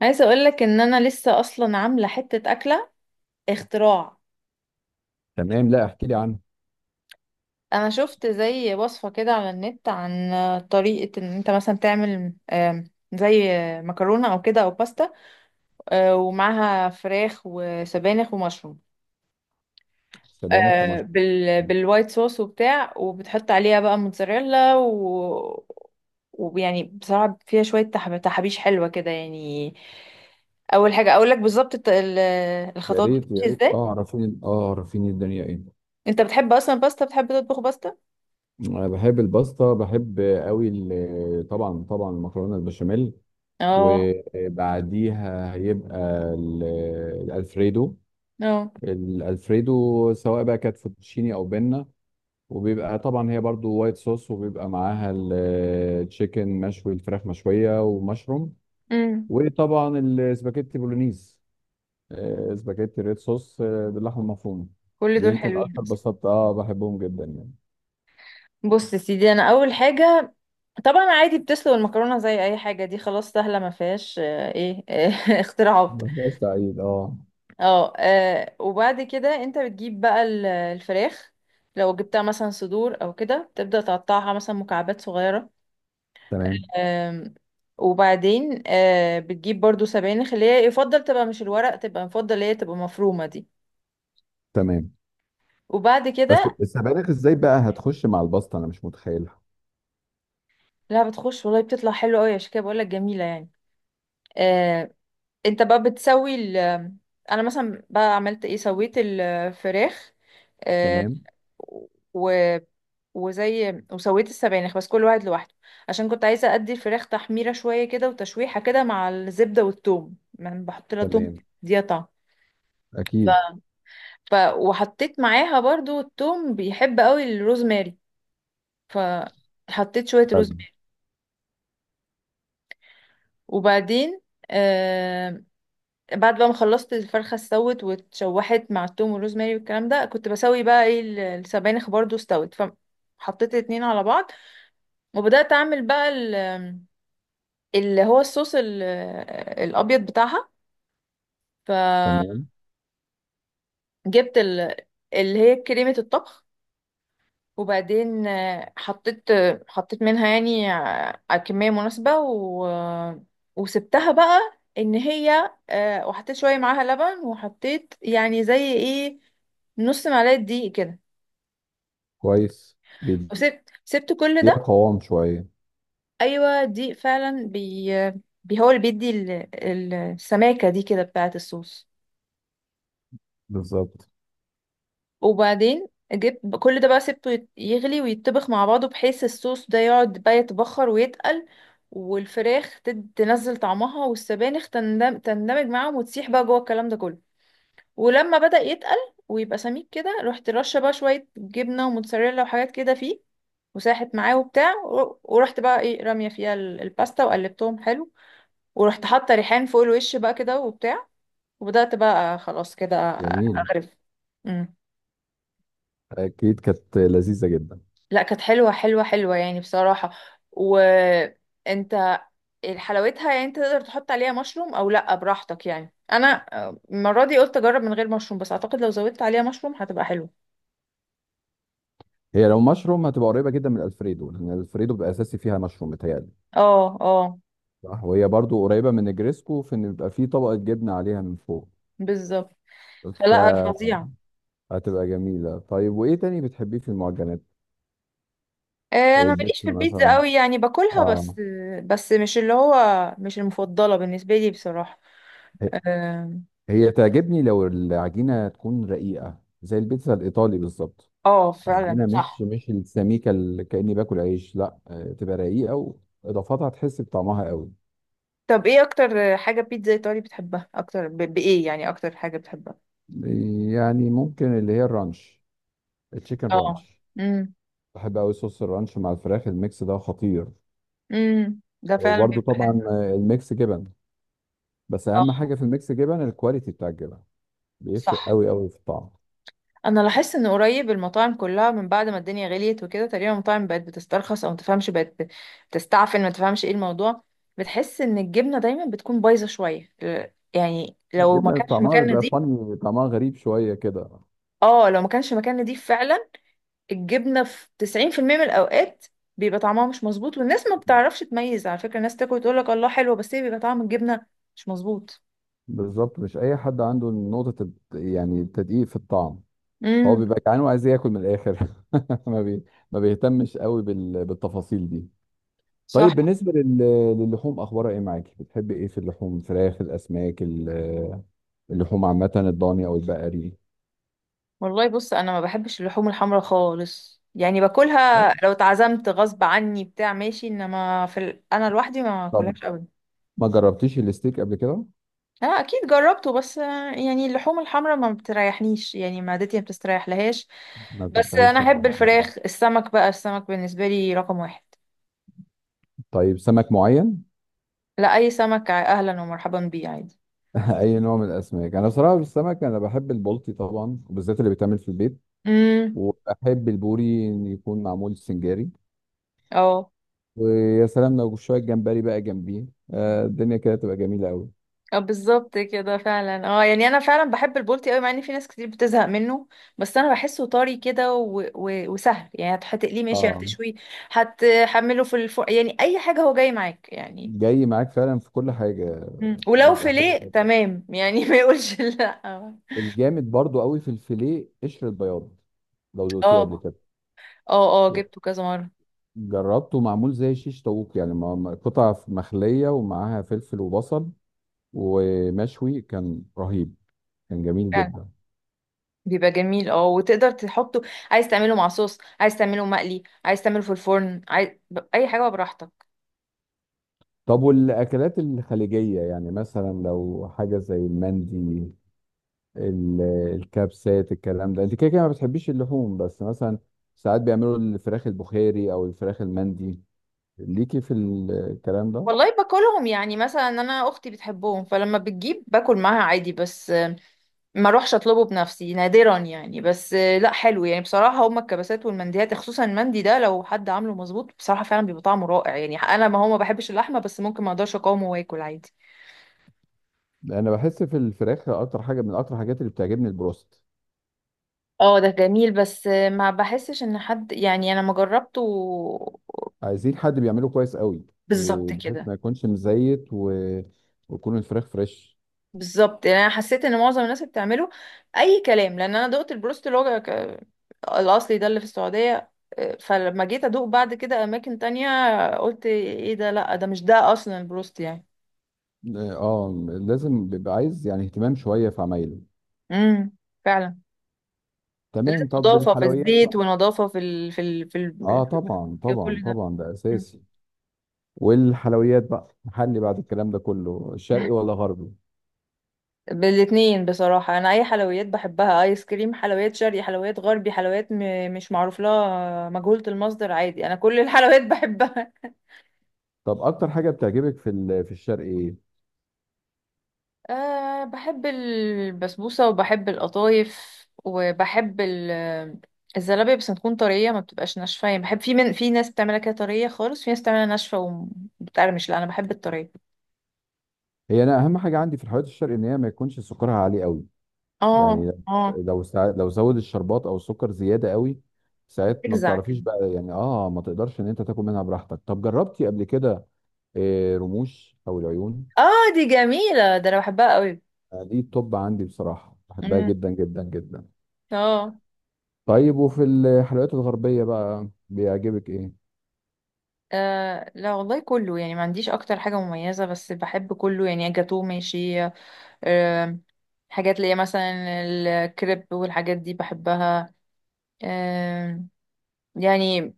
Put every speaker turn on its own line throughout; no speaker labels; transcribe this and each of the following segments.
عايزه اقول لك ان انا لسه اصلا عامله حته اكله اختراع.
تمام، لا، احكي لي عنه.
انا شفت زي وصفه كده على النت عن طريقه ان انت مثلا تعمل زي مكرونه او كده او باستا، ومعاها فراخ وسبانخ ومشروم،
سبانخ ومشروم.
بالوايت صوص وبتاع، وبتحط عليها بقى موتزاريلا، ويعني بصراحه فيها شويه تحابيش حلوه كده يعني. اول حاجه اقول لك بالظبط
يا
الخطوات
ريت يا
بتمشي
ريت،
ازاي.
اه عرفيني، اه عرفيني الدنيا ايه.
انت بتحب اصلا باستا؟ بتحب تطبخ باستا؟
انا بحب الباستا، بحب قوي. طبعا طبعا، المكرونه البشاميل،
اه.
وبعديها هيبقى ال- الالفريدو.
اه.
الالفريدو سواء بقى كانت فوتوتشيني او بينا، وبيبقى طبعا هي برضو وايت صوص، وبيبقى معاها التشيكن مشوي، الفراخ مشويه ومشروم.
امم.
وطبعا السباكيتي بولونيز، سباجيتي ريد صوص، باللحمه المفرومه.
كل
دي
دول
يمكن
حلوين
اكتر
اصلا.
بساطه، بحبهم جدا يعني.
بص يا سيدي، انا اول حاجه طبعا عادي بتسلق المكرونه زي اي حاجه، دي خلاص سهله، ما فيهاش ايه اختراعات.
ما فيهاش تعقيد، اه.
اه، وبعد كده انت بتجيب بقى الفراخ. لو جبتها مثلا صدور او كده، تبدا تقطعها مثلا مكعبات صغيره.
تمام
آم، وبعدين بتجيب برضو سبانخ، اللي هي يفضل تبقى مش الورق، تبقى يفضل اللي هي تبقى مفرومه دي.
تمام.
وبعد
بس
كده
السبانخ ازاي بقى هتخش مع الباستا؟ انا مش متخيلها.
لا، بتخش والله، بتطلع حلو قوي، عشان كده بقول لك جميله يعني. آه. انت بقى بتسوي ال... انا مثلا بقى عملت ايه؟ سويت الفراخ. آه.
تمام
و وزي وسويت السبانخ، بس كل واحد لوحده، عشان كنت عايزه ادي الفراخ تحميره شويه كده وتشويحه كده مع الزبده والثوم. يعني بحط لها ثوم،
تمام.
دي طعم. ف...
اكيد.
وحطيت معاها برضو الثوم. بيحب قوي الروزماري، فحطيت شويه
فعلا.
روزماري. وبعدين آه، بعد بقى ما خلصت الفرخه استوت واتشوحت مع التوم والروزماري والكلام ده، كنت بسوي بقى ايه السبانخ برضو استوت. فحطيت الاتنين على بعض، وبدات اعمل بقى اللي هو الصوص الابيض بتاعها.
تمام.
جبت ال... اللي هي كريمة الطبخ. وبعدين حطيت، حطيت منها يعني على كمية مناسبة، و... وسبتها بقى ان هي وحطيت شوية معاها لبن، وحطيت يعني زي ايه نص معلقة دقيق كده.
كويس، بيديها
وسبت كل ده.
قوام شويه.
ايوه دي فعلا بي هو اللي بيدي السماكه دي كده بتاعه الصوص.
بالظبط.
وبعدين جبت كل ده بقى سبته يغلي ويتطبخ مع بعضه، بحيث الصوص ده يقعد بقى يتبخر ويتقل، والفراخ تنزل طعمها، والسبانخ تندمج معاهم وتسيح بقى جوه الكلام ده كله. ولما بدأ يتقل ويبقى سميك كده، رحت رشه بقى شويه جبنه وموتزاريلا وحاجات كده فيه، وساحت معاه وبتاع ورحت بقى ايه راميه فيها الباستا وقلبتهم حلو. ورحت حاطه ريحان فوق الوش بقى كده وبتاع، وبدات بقى خلاص كده
جميل.
اغرف. امم.
اكيد كانت لذيذه جدا.
لا كانت حلوه حلوه حلوه يعني بصراحه. وانت، حلاوتها يعني انت تقدر تحط عليها مشروم او لا، براحتك يعني. انا المره دي قلت اجرب من غير مشروم، بس اعتقد لو زودت عليها مشروم هتبقى حلوه.
هي لو مشروم هتبقى قريبه جدا من الفريدو، لان الفريدو بيبقى اساسي فيها مشروم، متهيألي.
اه اه
صح. وهي برضو قريبه من نجريسكو، في ان بيبقى فيه طبقه جبنه عليها من فوق.
بالظبط. فلا،
فهتبقى
فظيعه.
جميلة. طيب، وإيه تاني بتحبيه في المعجنات؟
انا
إيه
ماليش في
البيتزا
البيتزا
مثلا؟
قوي، يعني باكلها
آه.
بس، بس مش اللي هو مش المفضله بالنسبه لي بصراحه.
هي
اه.
هي تعجبني لو العجينة تكون رقيقة زي البيتزا الإيطالي بالظبط. عجينة
فعلا
مش
صح.
مش السميكة اللي كأني باكل عيش، لا، تبقى رقيقة. وإضافاتها تحس بطعمها قوي.
طب ايه اكتر حاجة بيتزا ايطالي بتحبها اكتر؟ ب... بايه يعني اكتر حاجة بتحبها؟
يعني ممكن اللي هي الرانش، التشيكن
اه.
رانش.
امم.
بحب قوي صوص الرانش مع الفراخ، الميكس ده خطير.
امم، ده فعلا
وبرده
بيبقى حلو.
طبعا، الميكس جبن. بس
اه.
أهم حاجة في الميكس جبن الكواليتي بتاع الجبن. بيفرق
صح.
قوي قوي في الطعم.
انا لاحظت ان قريب المطاعم كلها من بعد ما الدنيا غليت وكده، تقريبا المطاعم بقت بتسترخص او ما تفهمش، بقت تستعفن، ما تفهمش ايه الموضوع. بتحس ان الجبنة دايما بتكون بايظة شوية يعني لو ما
الجبنه
كانش
طعمها
مكان
بيبقى
نضيف.
فاني، طعمها غريب شويه كده.
اه، لو ما كانش مكان نضيف فعلا. الجبنة في 90% من الأوقات بيبقى طعمها مش مظبوط، والناس ما بتعرفش تميز. على فكرة الناس تاكل تقول لك الله حلوة، بس هي بيبقى طعم الجبنة مش مظبوط.
بالظبط. مش اي حد عنده نقطه يعني التدقيق في الطعم. هو
امم.
بيبقى جعان وعايز ياكل من الاخر. ما بي... ما بيهتمش قوي بالتفاصيل دي.
صح.
طيب، بالنسبه للحوم، اخبارها ايه معاكي؟ بتحب ايه في اللحوم؟ فراخ، الاسماك، اللحوم عامه، الضاني او البقري؟
والله بص، أنا ما بحبش اللحوم الحمراء خالص، يعني باكلها
خالص.
لو اتعزمت غصب عني بتاع ماشي، انما في ال... انا لوحدي ما
طب
باكلهاش ابدا.
ما جربتيش الستيك قبل كده؟
انا اكيد جربته، بس يعني اللحوم الحمراء ما بتريحنيش، يعني معدتي ما بتستريح لهاش.
ما
بس انا
فتحتيش
احب
معاها آه.
الفراخ. السمك بقى السمك بالنسبة لي رقم واحد.
طيب، سمك معين؟
لا اي سمك، اهلا ومرحبا بيه عادي.
اي نوع من الاسماك؟ انا بصراحه في السمك انا بحب البلطي طبعا، وبالذات اللي بيتعمل في البيت.
امم.
وبحب البوري إن يكون معمول سنجاري.
اه
ويا سلام لو شويه جمبري بقى جنبيه. الدنيا كده تبقى جميله قوي.
اه بالظبط كده فعلا. اه يعني انا فعلا بحب البولتي قوي، مع ان في ناس كتير بتزهق منه. بس انا بحسه طري كده وسهل، يعني هتقليه ماشي،
اه.
هتشويه، هتحمله في الفرن، يعني اي حاجه هو جاي معاك يعني.
جاي معاك فعلا في كل حاجه.
مم. ولو
بيبقى حلو
فيليه
جدا.
تمام يعني ما يقولش لا. اه
الجامد برضو قوي في الفيليه قشر البياض، لو دوقتيه قبل كده.
اه اه جبته كذا مره.
جربته معمول زي شيش طاووق يعني، قطع مخليه ومعاها فلفل وبصل، ومشوي كان رهيب. كان جميل
فعلا
جدا.
بيبقى جميل، اه، وتقدر تحطه، عايز تعمله مع صوص، عايز تعمله مقلي، عايز تعمله في الفرن، عايز... اي حاجه براحتك.
طب والأكلات الخليجية؟ يعني مثلا لو حاجة زي المندي، ال- الكبسات، الكلام ده. انت كده كده ما بتحبيش اللحوم، بس مثلا ساعات بيعملوا الفراخ البخاري او الفراخ المندي. ليكي في الكلام ده؟
والله باكلهم، يعني مثلا انا اختي بتحبهم، فلما بتجيب باكل معاها عادي، بس ما اروحش اطلبه بنفسي نادرا يعني. بس لا حلو يعني بصراحه، هما الكبسات والمنديات، خصوصا المندي ده، لو حد عامله مظبوط بصراحه فعلا بيبقى طعمه رائع يعني. انا ما هو ما بحبش اللحمه، بس ممكن ما اقدرش اقاومه واكل عادي.
انا بحس في الفراخ اكتر حاجة من اكتر الحاجات اللي بتعجبني البروست.
اه ده جميل، بس ما بحسش ان حد، يعني انا ما جربته.
عايزين حد بيعمله كويس قوي. إيه،
بالظبط
بحيث
كده.
ما يكونش مزيت ويكون الفراخ فريش.
بالظبط، يعني انا حسيت ان معظم الناس اللي بتعمله اي كلام، لان انا دقت البروست اللي هو الاصلي ده اللي في السعوديه. فلما جيت ادوق بعد كده اماكن تانية، قلت ايه ده؟ لا ده مش ده اصلا البروست يعني.
اه. لازم بيبقى عايز يعني اهتمام شوية في عمايله.
امم. فعلا. لازم
تمام. طب
نظافه في
الحلويات؟
الزيت، ونظافه في ال... في ال... في ال...
اه طبعا
في
طبعا
كل ده.
طبعا، ده
مم.
اساسي. والحلويات بقى، محلي بعد الكلام ده كله، شرقي ولا غربي؟
بالاتنين بصراحه، انا اي حلويات بحبها: ايس كريم، حلويات شرقي، حلويات غربي، حلويات م... مش معروف لها، مجهوله المصدر، عادي انا كل الحلويات بحبها.
طب اكتر حاجه بتعجبك في في الشرقي ايه؟
أه بحب البسبوسة، وبحب القطايف، وبحب الزلابية، بس تكون طرية، ما بتبقاش ناشفة يعني. بحب، في من في ناس بتعملها كده طرية خالص، في ناس بتعملها ناشفة وبتقرمش، لا أنا بحب الطرية.
هي، انا اهم حاجه عندي في الحلويات الشرقي ان هي ما يكونش سكرها عالي قوي.
اه
يعني
اه.
لو لو زود الشربات او السكر زياده قوي، ساعات ما
بتجزع كده.
بتعرفيش بقى يعني، ما تقدرش ان انت تاكل منها براحتك. طب جربتي قبل كده رموش او العيون؟
اه دي جميلة، ده أنا بحبها قوي.
دي التوب عندي بصراحه، بحبها
مم.
جدا جدا جدا.
اه.
طيب وفي الحلويات الغربيه بقى بيعجبك ايه؟
آه لا والله كله يعني، ما عنديش أكتر حاجة مميزة، بس بحب كله يعني، جاتوه ماشي، آه، حاجات اللي هي مثلا الكريب والحاجات دي بحبها، آه، يعني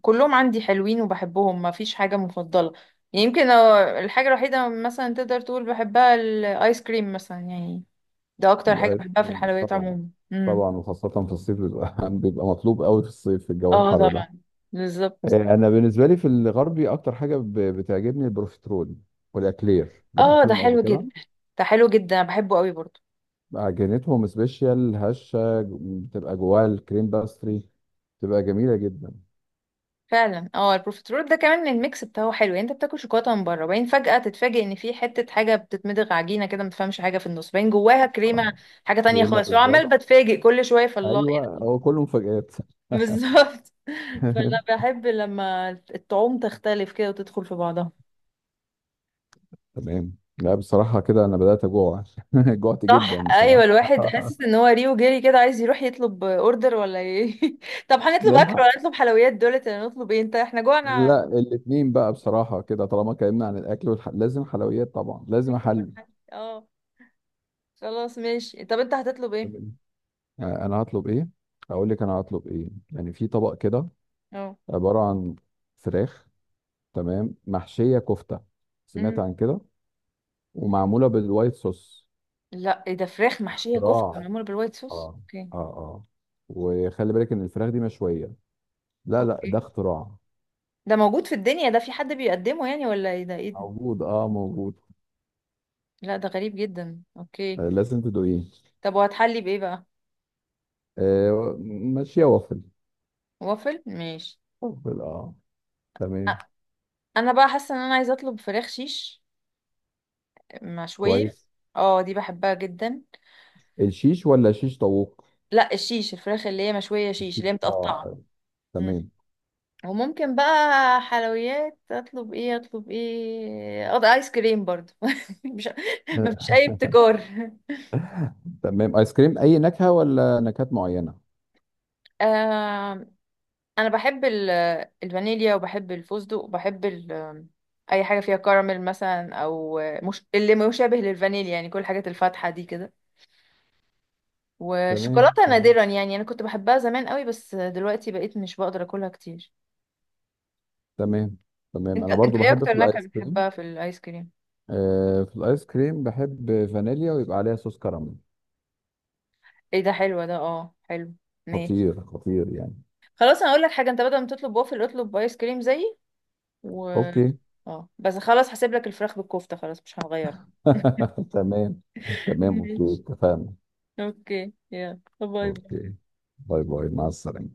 كلهم عندي حلوين وبحبهم، ما فيش حاجة مفضلة يعني. يمكن الحاجة الوحيدة مثلا تقدر تقول بحبها الآيس كريم مثلا يعني، ده أكتر حاجة بحبها في
الايفون
الحلويات
طبعا.
عموما. امم.
طبعا، وخاصة في الصيف بيبقى بيبقى مطلوب قوي في الصيف في الجو
اه
الحر ده.
طبعا. بالظبط.
انا بالنسبة لي في الغربي اكتر حاجة بتعجبني البروفيترول. والاكلير،
اه ده
جربتيهم قبل
حلو
كده؟
جدا، ده حلو جدا أنا بحبه قوي برضو.
عجينتهم سبيشال، هشة، بتبقى جواها الكريم باستري. بتبقى جميلة جدا.
فعلا، اه، البروفيترول ده كمان الميكس بتاعه حلو، يعني انت بتاكل شوكولاته من بره، وبعدين فجاه تتفاجئ ان في حته حاجه بتتمضغ عجينه كده، ما تفهمش حاجه في النص، باين جواها كريمه،
اه،
حاجه تانية
كريمة
خالص،
بالظبط.
وعمال بتفاجئ كل شويه في الله.
ايوه، هو كله مفاجآت.
بالظبط فانا بحب لما الطعوم تختلف كده وتدخل في بعضها.
تمام. لا بصراحة كده انا بدأت اجوع. جوعت
صح.
جدا
ايوه
بصراحة.
الواحد حاسس ان هو ريو جري كده، عايز يروح يطلب اوردر ولا ايه طب هنطلب اكل،
نلحق.
ولا نطلب حلويات دولت، ولا نطلب ايه؟ انت، احنا جوعنا،
لا الاثنين بقى بصراحة كده، طالما اتكلمنا عن الأكل لازم حلويات طبعا، لازم
ناكل
أحل.
ونحن اه، خلاص ماشي. طب انت هتطلب ايه؟
تمام. أنا هطلب إيه؟ أقول لك أنا هطلب إيه؟ يعني في طبق كده،
اه.
عبارة عن فراخ، تمام، محشية كفتة. سمعت
امم.
عن كده؟ ومعمولة بالوايت صوص.
لا ايه ده، فراخ محشيه كفته
اختراع.
معموله بالوايت صوص؟
اه
اوكي.
اه اه. وخلي بالك إن الفراخ دي مشوية. لا لا، ده
اوكي.
اختراع.
ده موجود في الدنيا؟ ده في حد بيقدمه يعني؟ ولا ايه ده، ايه ده؟
موجود، اه، موجود.
لا ده غريب جدا، اوكي.
آه، لازم تدوقيه.
طب وهتحلي بايه بقى؟
آه مشوية وافل.
وافل، ماشي.
وافل اه. تمام
انا بقى حاسه ان انا عايزه اطلب فراخ شيش مشويه.
كويس.
اه دي بحبها جدا.
الشيش ولا شيش طاووق؟
لا الشيش الفراخ اللي هي مشويه شيش،
الشيش
اللي هي متقطعه.
اه.
مم.
تمام.
وممكن بقى حلويات، اطلب ايه اطلب ايه؟ اقضي ايس كريم برضو مش، مفيش
آه،
اي ابتكار.
تمام، ايس كريم اي نكهة ولا نكهات معينة؟
آه انا بحب الفانيليا، وبحب الفستق، وبحب اي حاجه فيها كراميل مثلا، او مش اللي مشابه للفانيليا يعني، كل الحاجات الفاتحه دي كده.
تمام
وشوكولاتة
تمام.
نادرا، يعني انا كنت بحبها زمان قوي، بس دلوقتي بقيت مش بقدر اكلها كتير.
تمام تمام،
انت
انا
انت
برضو
ايه
بحب
اكتر
في
نكهة
الايس كريم.
بتحبها في الايس كريم؟
في الايس كريم بحب فانيليا ويبقى عليها صوص كراميل.
ايه ده حلوة، ده اه حلو، ماشي.
خطير خطير يعني.
خلاص انا اقول لك حاجة، انت بدل ما تطلب وافل اطلب ايس كريم زيي. و...
اوكي.
اه بس خلاص هسيب لك الفراخ بالكفتة، خلاص مش هنغير.
تمام تمام اوكي
ماشي.
اتفقنا.
اوكي يلا باي
اوكي،
باي.
باي باي، مع السلامة.